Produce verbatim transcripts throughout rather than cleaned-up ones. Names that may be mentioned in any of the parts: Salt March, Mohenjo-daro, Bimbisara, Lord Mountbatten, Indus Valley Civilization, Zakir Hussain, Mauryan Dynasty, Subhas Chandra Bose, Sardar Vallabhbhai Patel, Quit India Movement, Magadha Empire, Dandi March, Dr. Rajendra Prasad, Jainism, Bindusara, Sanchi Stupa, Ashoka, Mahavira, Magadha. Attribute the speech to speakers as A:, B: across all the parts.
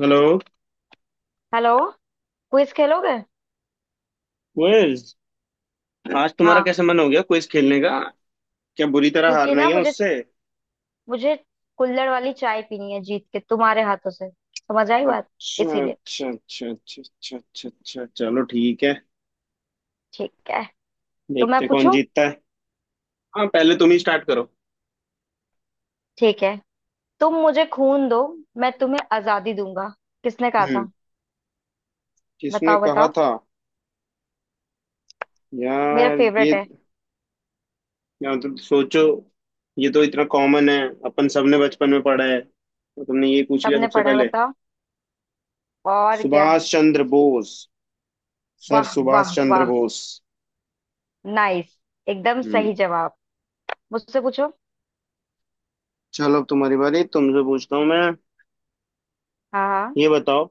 A: Hello.
B: Hello. Quiz खेलोगे?
A: Quiz. आज तुम्हारा
B: हाँ।
A: कैसे मन हो गया क्विज खेलने का। क्या बुरी तरह
B: क्योंकि
A: हारना ही
B: ना
A: है
B: मुझे
A: उससे।
B: मुझे कुल्हड़ वाली चाय पीनी है जीत के तुम्हारे हाथों से। समझ आई बात?
A: अच्छा
B: इसीलिए
A: अच्छा अच्छा अच्छा अच्छा अच्छा अच्छा, चलो ठीक है।
B: ठीक है। तो मैं
A: देखते हैं कौन
B: पूछूं?
A: जीतता है। हाँ, पहले तुम ही स्टार्ट करो।
B: ठीक है। तुम मुझे खून दो, मैं तुम्हें आजादी दूंगा। किसने कहा
A: हम्म।
B: था?
A: किसने
B: बताओ,
A: कहा
B: बताओ।
A: था।
B: मेरा
A: यार ये
B: फेवरेट है।
A: यार तुम सोचो। ये तो इतना कॉमन है। अपन सबने बचपन में पढ़ा है। तो तुमने ये पूछ लिया
B: सबने
A: सबसे
B: पढ़ा है,
A: पहले।
B: बताओ। और क्या।
A: सुभाष चंद्र बोस। सर
B: वाह, वाह,
A: सुभाष चंद्र
B: वाह।
A: बोस।
B: नाइस। एकदम
A: हम्म।
B: सही जवाब। मुझसे पूछो।
A: चलो, अब तुम्हारी बारी, तुमसे पूछता हूँ मैं।
B: हाँ, हाँ।
A: ये बताओ।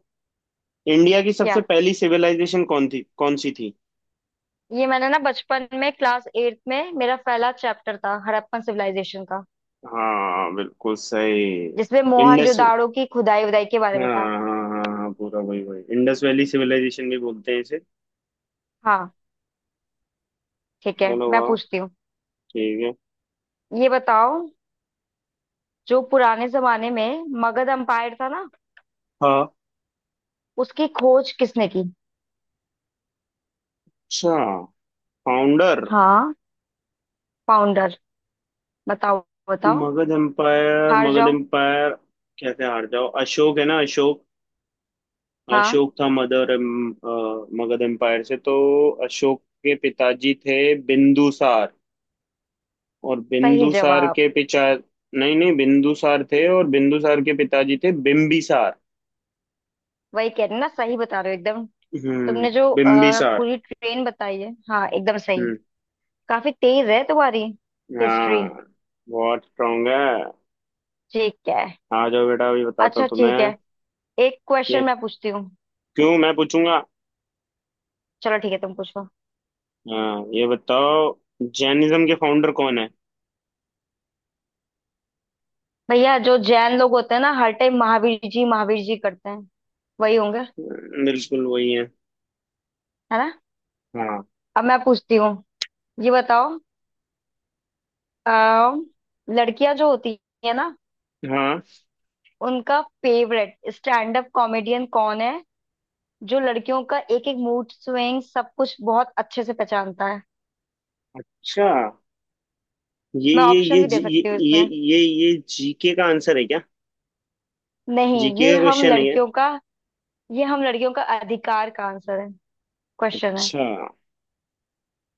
A: इंडिया की
B: क्या?
A: सबसे पहली सिविलाइजेशन कौन थी, कौन सी थी।
B: ये मैंने ना बचपन में, क्लास एट्थ में मेरा पहला चैप्टर था हड़प्पन सिविलाइजेशन का।
A: हाँ बिल्कुल सही।
B: जिसमें
A: इंडस।
B: मोहनजोदाड़ो की खुदाई वुदाई के बारे
A: हाँ
B: में था।
A: हाँ हाँ हाँ, पूरा वही वही इंडस वैली सिविलाइजेशन भी बोलते हैं इसे।
B: हाँ, ठीक है,
A: चलो
B: मैं
A: वाह।
B: पूछती हूँ।
A: ठीक है।
B: ये बताओ। जो पुराने जमाने में मगध एम्पायर था ना,
A: हाँ।
B: उसकी खोज किसने की?
A: अच्छा। फाउंडर।
B: हाँ, फाउंडर। बताओ, बताओ।
A: मगध एम्पायर,
B: हार
A: मगध
B: जाओ।
A: एम्पायर। कैसे हार जाओ, अशोक है ना, अशोक।
B: हाँ,
A: अशोक था mother um, ah, Magadha empire से तो। अशोक के पिताजी थे बिंदुसार। और
B: सही
A: बिंदुसार
B: जवाब।
A: के पिता। नहीं नहीं, बिंदुसार थे, और बिंदुसार के पिताजी थे बिंबिसार।
B: वही कह रही हूँ ना, सही बता रहे हो एकदम।
A: हम्म।
B: तुमने जो अ,
A: बिंबिसार।
B: पूरी ट्रेन बताई है, हाँ एकदम सही।
A: हम्म।
B: काफी तेज है तुम्हारी हिस्ट्री।
A: हाँ। बहुत स्ट्रांग है।
B: ठीक है।
A: आ जाओ बेटा, अभी बताता
B: अच्छा,
A: हूँ
B: ठीक है।
A: तुम्हें।
B: एक क्वेश्चन
A: ये
B: मैं पूछती हूँ।
A: क्यों, मैं पूछूंगा।
B: चलो, ठीक है, तुम पूछो।
A: हाँ, ये बताओ। जैनिज्म के फाउंडर कौन है।
B: भैया, जो जैन लोग होते हैं ना, हर टाइम महावीर जी महावीर जी करते हैं, वही होंगे,
A: हम्म, बिल्कुल वही है।
B: है ना?
A: हाँ।
B: अब मैं पूछती हूँ। ये बताओ। अः लड़कियां जो होती है ना,
A: हाँ।
B: उनका फेवरेट स्टैंड अप कॉमेडियन कौन है? जो लड़कियों का एक एक मूड स्विंग सब कुछ बहुत अच्छे से पहचानता है।
A: अच्छा। ये
B: मैं
A: ये
B: ऑप्शन
A: ये
B: भी दे
A: जी- ये
B: सकती हूँ
A: ये
B: इसमें।
A: ये ये जी के का आंसर है क्या।
B: नहीं,
A: जी के
B: ये
A: का
B: हम
A: क्वेश्चन है क्या।
B: लड़कियों का। ये हम लड़कियों का अधिकार का आंसर है, क्वेश्चन है।
A: अच्छा।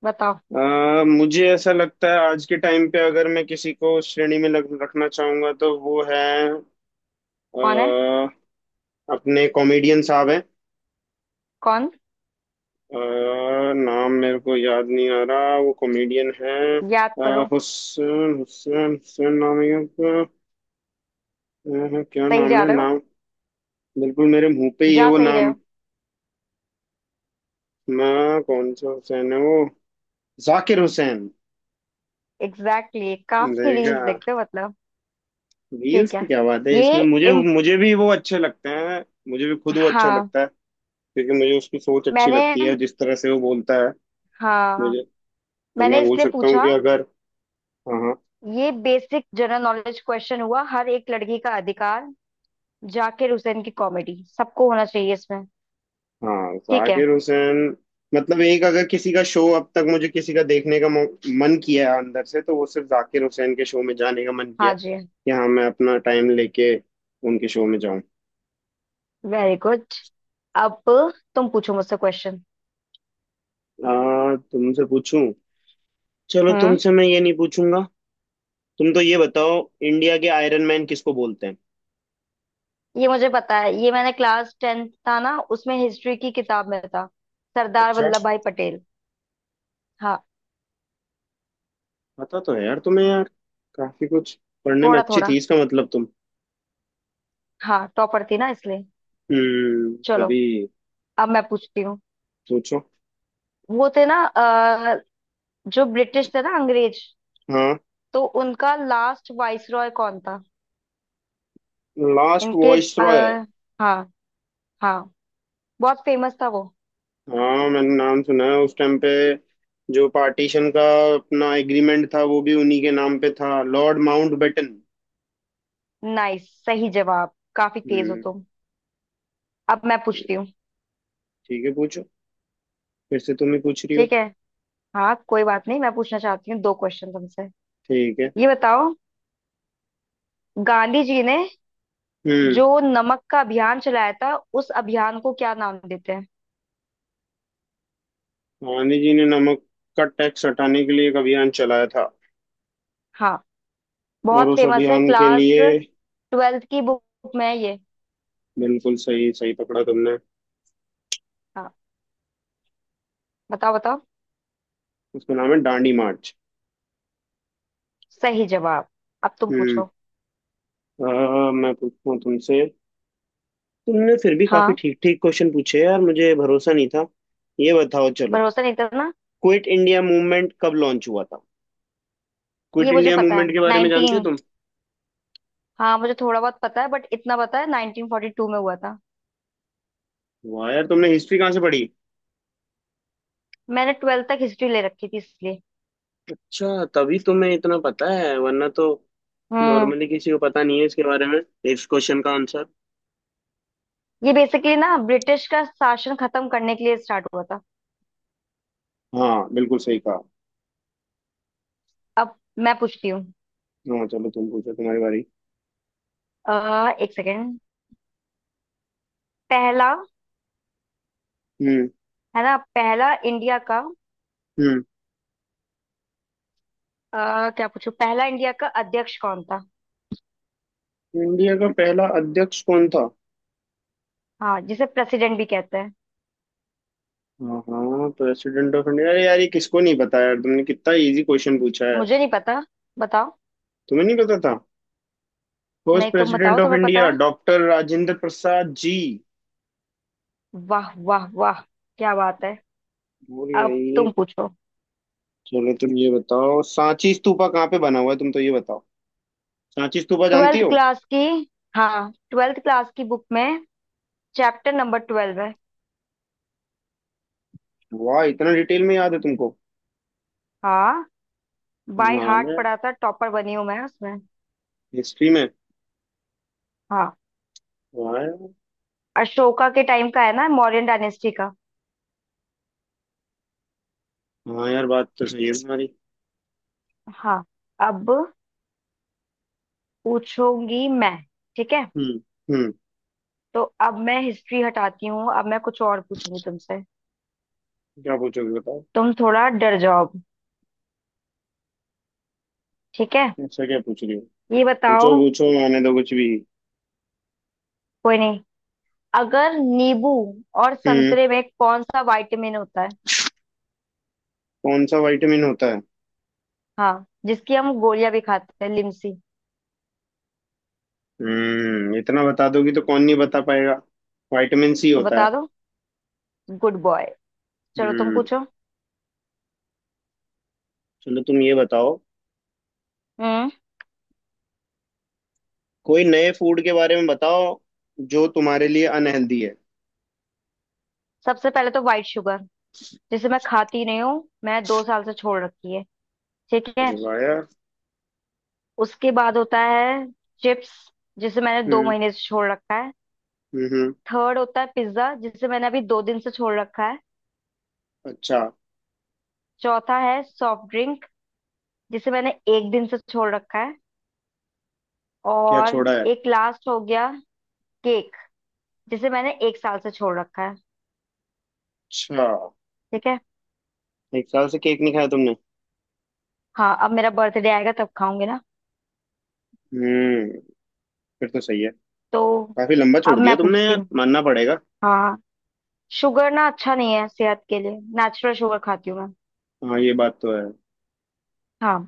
B: बताओ।
A: अ, मुझे ऐसा लगता है आज के टाइम पे अगर मैं किसी को उस श्रेणी में लग, रखना चाहूंगा तो वो है अ,
B: कौन है?
A: अपने कॉमेडियन साहब हैं।
B: कौन?
A: अ, नाम मेरे को याद नहीं आ रहा, वो कॉमेडियन है।
B: याद करो।
A: हुसैन हुसैन हुसैन नाम है उनका। अ, क्या
B: सही
A: नाम
B: जा
A: है
B: रहे हो।
A: नाम। बिल्कुल मेरे मुंह पे ही है
B: जा
A: वो
B: सही रहे
A: नाम।
B: हो।
A: मैं कौन सा हुसैन है वो। जाकिर हुसैन।
B: एग्जैक्टली exactly, काफी
A: देखा।
B: रील्स देखते हो मतलब।
A: रील्स
B: ठीक
A: की
B: है।
A: क्या बात है इसमें,
B: ये
A: मुझे
B: इम,
A: मुझे भी वो अच्छे लगते हैं। मुझे भी खुद वो अच्छा
B: हाँ
A: लगता है। क्योंकि मुझे उसकी सोच अच्छी
B: मैंने
A: लगती है, जिस तरह से वो बोलता है।
B: हाँ
A: मुझे। तो
B: मैंने
A: मैं बोल
B: इसलिए
A: सकता हूँ
B: पूछा।
A: कि अगर। हाँ हाँ।
B: ये बेसिक जनरल नॉलेज क्वेश्चन हुआ, हर एक लड़की का अधिकार। जाकिर हुसैन की कॉमेडी सबको होना चाहिए इसमें।
A: हाँ,
B: ठीक है।
A: जाकिर हुसैन। मतलब एक अगर किसी का शो अब तक मुझे किसी का देखने का मौ- मन किया है अंदर से, तो वो सिर्फ जाकिर हुसैन के शो में जाने का मन किया
B: हाँ
A: है।
B: जी।
A: कि हाँ मैं अपना टाइम लेके उनके शो में जाऊं।
B: Very good. अब तुम पूछो मुझसे क्वेश्चन।
A: आ, तुमसे पूछूं। चलो
B: हम्म।
A: तुमसे मैं ये नहीं पूछूंगा। तुम तो ये बताओ। इंडिया के आयरन मैन किसको बोलते हैं।
B: ये मुझे पता है, ये मैंने क्लास टेंथ था ना, उसमें हिस्ट्री की किताब में था। सरदार
A: अच्छा।
B: वल्लभ भाई पटेल। हाँ,
A: पता तो है यार तुम्हें, यार काफी कुछ पढ़ने में
B: थोड़ा
A: अच्छी
B: थोड़ा।
A: थी इसका मतलब तुम।
B: हाँ, टॉपर थी ना इसलिए।
A: हम्म,
B: चलो।
A: अभी
B: अब मैं पूछती हूँ।
A: सोचो।
B: वो थे ना अ, जो ब्रिटिश थे ना, अंग्रेज।
A: हाँ,
B: तो उनका लास्ट वाइसरॉय कौन था?
A: लास्ट
B: इनके
A: वॉइस रॉय है।
B: आ, हाँ, हाँ। बहुत फेमस था वो।
A: हाँ, मैंने नाम सुना है उस टाइम पे, जो पार्टीशन का अपना एग्रीमेंट था, वो भी उन्हीं के नाम पे था, लॉर्ड माउंटबेटन।
B: नाइस, सही जवाब, काफी तेज हो
A: हम्म।
B: तुम। अब मैं पूछती हूँ।
A: ठीक है पूछो। फिर से तुम ही पूछ रही हो।
B: ठीक है। हाँ, कोई बात नहीं, मैं पूछना चाहती हूँ दो क्वेश्चन तुमसे।
A: ठीक है।
B: ये बताओ। गांधी जी ने
A: हम्म।
B: जो नमक का अभियान चलाया था, उस अभियान को क्या नाम देते हैं?
A: गांधी जी ने नमक का टैक्स हटाने के लिए एक अभियान चलाया था।
B: हाँ,
A: और
B: बहुत
A: उस
B: फेमस है,
A: अभियान के
B: क्लास
A: लिए।
B: ट्वेल्थ की बुक में है ये।
A: बिल्कुल सही, सही पकड़ा तुमने।
B: हाँ, बताओ, बताओ।
A: उसका नाम है दांडी मार्च।
B: सही जवाब। अब तुम
A: हम्म।
B: पूछो।
A: अ, मैं पूछता हूँ तुमसे। तुमने फिर भी काफी
B: हाँ,
A: ठीक ठीक क्वेश्चन पूछे यार, मुझे भरोसा नहीं था। ये बताओ चलो।
B: भरोसा नहीं था ना।
A: क्विट इंडिया मूवमेंट कब लॉन्च हुआ था। क्विट
B: ये मुझे
A: इंडिया
B: पता है,
A: मूवमेंट के बारे में जानती हो
B: नाइनटीन।
A: तुम।
B: हाँ, मुझे थोड़ा बहुत पता है, बट इतना पता है नाइनटीन फोर्टी टू में हुआ था।
A: वाह यार, तुमने हिस्ट्री कहाँ से पढ़ी।
B: मैंने ट्वेल्थ तक हिस्ट्री ले रखी थी इसलिए।
A: अच्छा, तभी तुम्हें इतना पता है, वरना तो
B: हम्म
A: नॉर्मली किसी को पता नहीं है इसके बारे में, इस क्वेश्चन का आंसर।
B: ये बेसिकली ना, ब्रिटिश का शासन खत्म करने के लिए स्टार्ट हुआ था।
A: हाँ बिल्कुल सही कहा।
B: अब मैं पूछती हूँ।
A: हाँ चलो तुम पूछो, तुम्हारी बारी।
B: अह, एक सेकेंड। पहला,
A: हम्म।
B: है ना? पहला इंडिया का।
A: हम्म।
B: अह, क्या पूछू, पहला इंडिया का अध्यक्ष कौन था?
A: इंडिया का पहला अध्यक्ष कौन था।
B: हाँ, जिसे प्रेसिडेंट भी कहते हैं।
A: हाँ हाँ, प्रेसिडेंट ऑफ इंडिया, अरे यार ये किसको नहीं पता यार, तुमने कितना इजी क्वेश्चन पूछा है।
B: मुझे नहीं पता, बताओ।
A: तुम्हें नहीं पता। फर्स्ट
B: नहीं, तुम बताओ,
A: प्रेसिडेंट ऑफ
B: तुम्हें पता।
A: India doctor Rajendra Prasad ji.
B: वाह, वाह, वाह। क्या बात है।
A: बोलिए।
B: अब
A: ये
B: तुम पूछो।
A: चलो तुम ये बताओ, सांची स्तूपा कहाँ पे बना हुआ है, तुम तो ये बताओ। सांची स्तूपा जानती
B: ट्वेल्थ
A: हो।
B: क्लास की। हाँ, ट्वेल्थ क्लास की बुक में। चैप्टर नंबर ट्वेल्व है।
A: वाह, इतना डिटेल में याद है तुमको।
B: हाँ, बाय
A: कमाल
B: हार्ट
A: है।
B: पढ़ा था, टॉपर बनी हूं मैं उसमें।
A: हिस्ट्री में।
B: हाँ,
A: वाह यार।
B: अशोका के टाइम का है ना, मौर्यन डायनेस्टी का।
A: हाँ यार, बात तो सही है तुम्हारी।
B: हाँ, अब पूछूंगी मैं। ठीक है।
A: हम्म। हम्म।
B: तो अब मैं हिस्ट्री हटाती हूँ, अब मैं कुछ और पूछूंगी तुमसे।
A: क्या पूछोगे बताओ।
B: तुम थोड़ा डर जाओ अब। ठीक है।
A: ऐसा क्या पूछ रही हो।
B: ये
A: पूछो
B: बताओ।
A: पूछो, आने दो कुछ भी।
B: कोई नहीं। अगर नींबू और
A: हम्म।
B: संतरे में कौन सा विटामिन होता है?
A: कौन सा विटामिन होता है।
B: हाँ, जिसकी हम गोलियां भी खाते हैं, लिमसी।
A: हम्म, इतना बता दोगी तो कौन नहीं बता पाएगा। विटामिन सी
B: तो
A: होता है।
B: बता दो। Good boy. चलो, तुम
A: हम्म।
B: पूछो।
A: चलो तुम ये बताओ।
B: हम्म।
A: कोई नए फूड के बारे में बताओ, जो तुम्हारे लिए अनहेल्दी है।
B: सबसे पहले तो वाइट शुगर। जिसे मैं खाती नहीं हूँ, मैं दो साल से छोड़ रखी है। ठीक है।
A: अरे वाह यार।
B: उसके बाद होता है चिप्स। जिसे मैंने दो
A: हम्म।
B: महीने से छोड़ रखा है।
A: हम्म हम्म।
B: थर्ड होता है पिज्जा, जिसे मैंने अभी दो दिन से छोड़ रखा है।
A: अच्छा।
B: चौथा है सॉफ्ट ड्रिंक, जिसे मैंने एक दिन से छोड़ रखा है।
A: क्या
B: और
A: छोड़ा है।
B: एक लास्ट हो गया, केक, जिसे मैंने एक साल से छोड़ रखा है।
A: अच्छा,
B: ठीक है।
A: एक साल से केक नहीं खाया तुमने।
B: हाँ, अब मेरा बर्थडे आएगा तब खाऊंगी ना।
A: हम्म, फिर तो सही है।
B: तो
A: काफी लंबा छोड़
B: अब मैं
A: दिया तुमने
B: पूछती
A: यार,
B: हूँ।
A: मानना पड़ेगा।
B: हाँ, शुगर ना अच्छा नहीं है सेहत के लिए, नेचुरल शुगर खाती हूँ मैं।
A: हाँ ये बात तो है।
B: हाँ,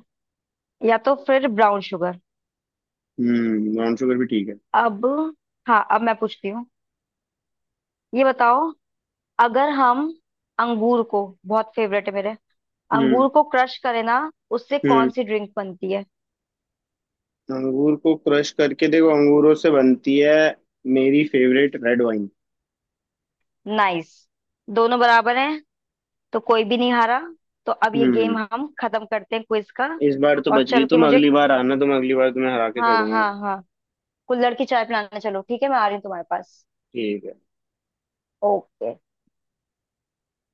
B: या तो फिर ब्राउन शुगर।
A: हम्म, ब्राउन शुगर भी ठीक है।
B: अब, हाँ, अब मैं पूछती हूँ। ये बताओ। अगर हम, अंगूर को बहुत फेवरेट है मेरे,
A: हम्म।
B: अंगूर को क्रश करें ना, उससे
A: हम्म।
B: कौन सी ड्रिंक बनती है?
A: अंगूर को क्रश करके देखो, अंगूरों से बनती है मेरी फेवरेट रेड वाइन।
B: नाइस, दोनों बराबर हैं। तो कोई भी नहीं हारा। तो अब ये गेम
A: हम्म।
B: हम खत्म करते हैं क्विज का।
A: इस बार तो
B: और
A: बच गई
B: चल के
A: तुम,
B: मुझे,
A: अगली बार आना, तुम अगली बार तुम्हें हरा के
B: हाँ,
A: छोड़ूंगा
B: हाँ,
A: मैं।
B: हाँ, कुल्हड़ की चाय पिलाने चलो, ठीक है, मैं आ रही हूँ तुम्हारे पास।
A: ठीक है।
B: ओके।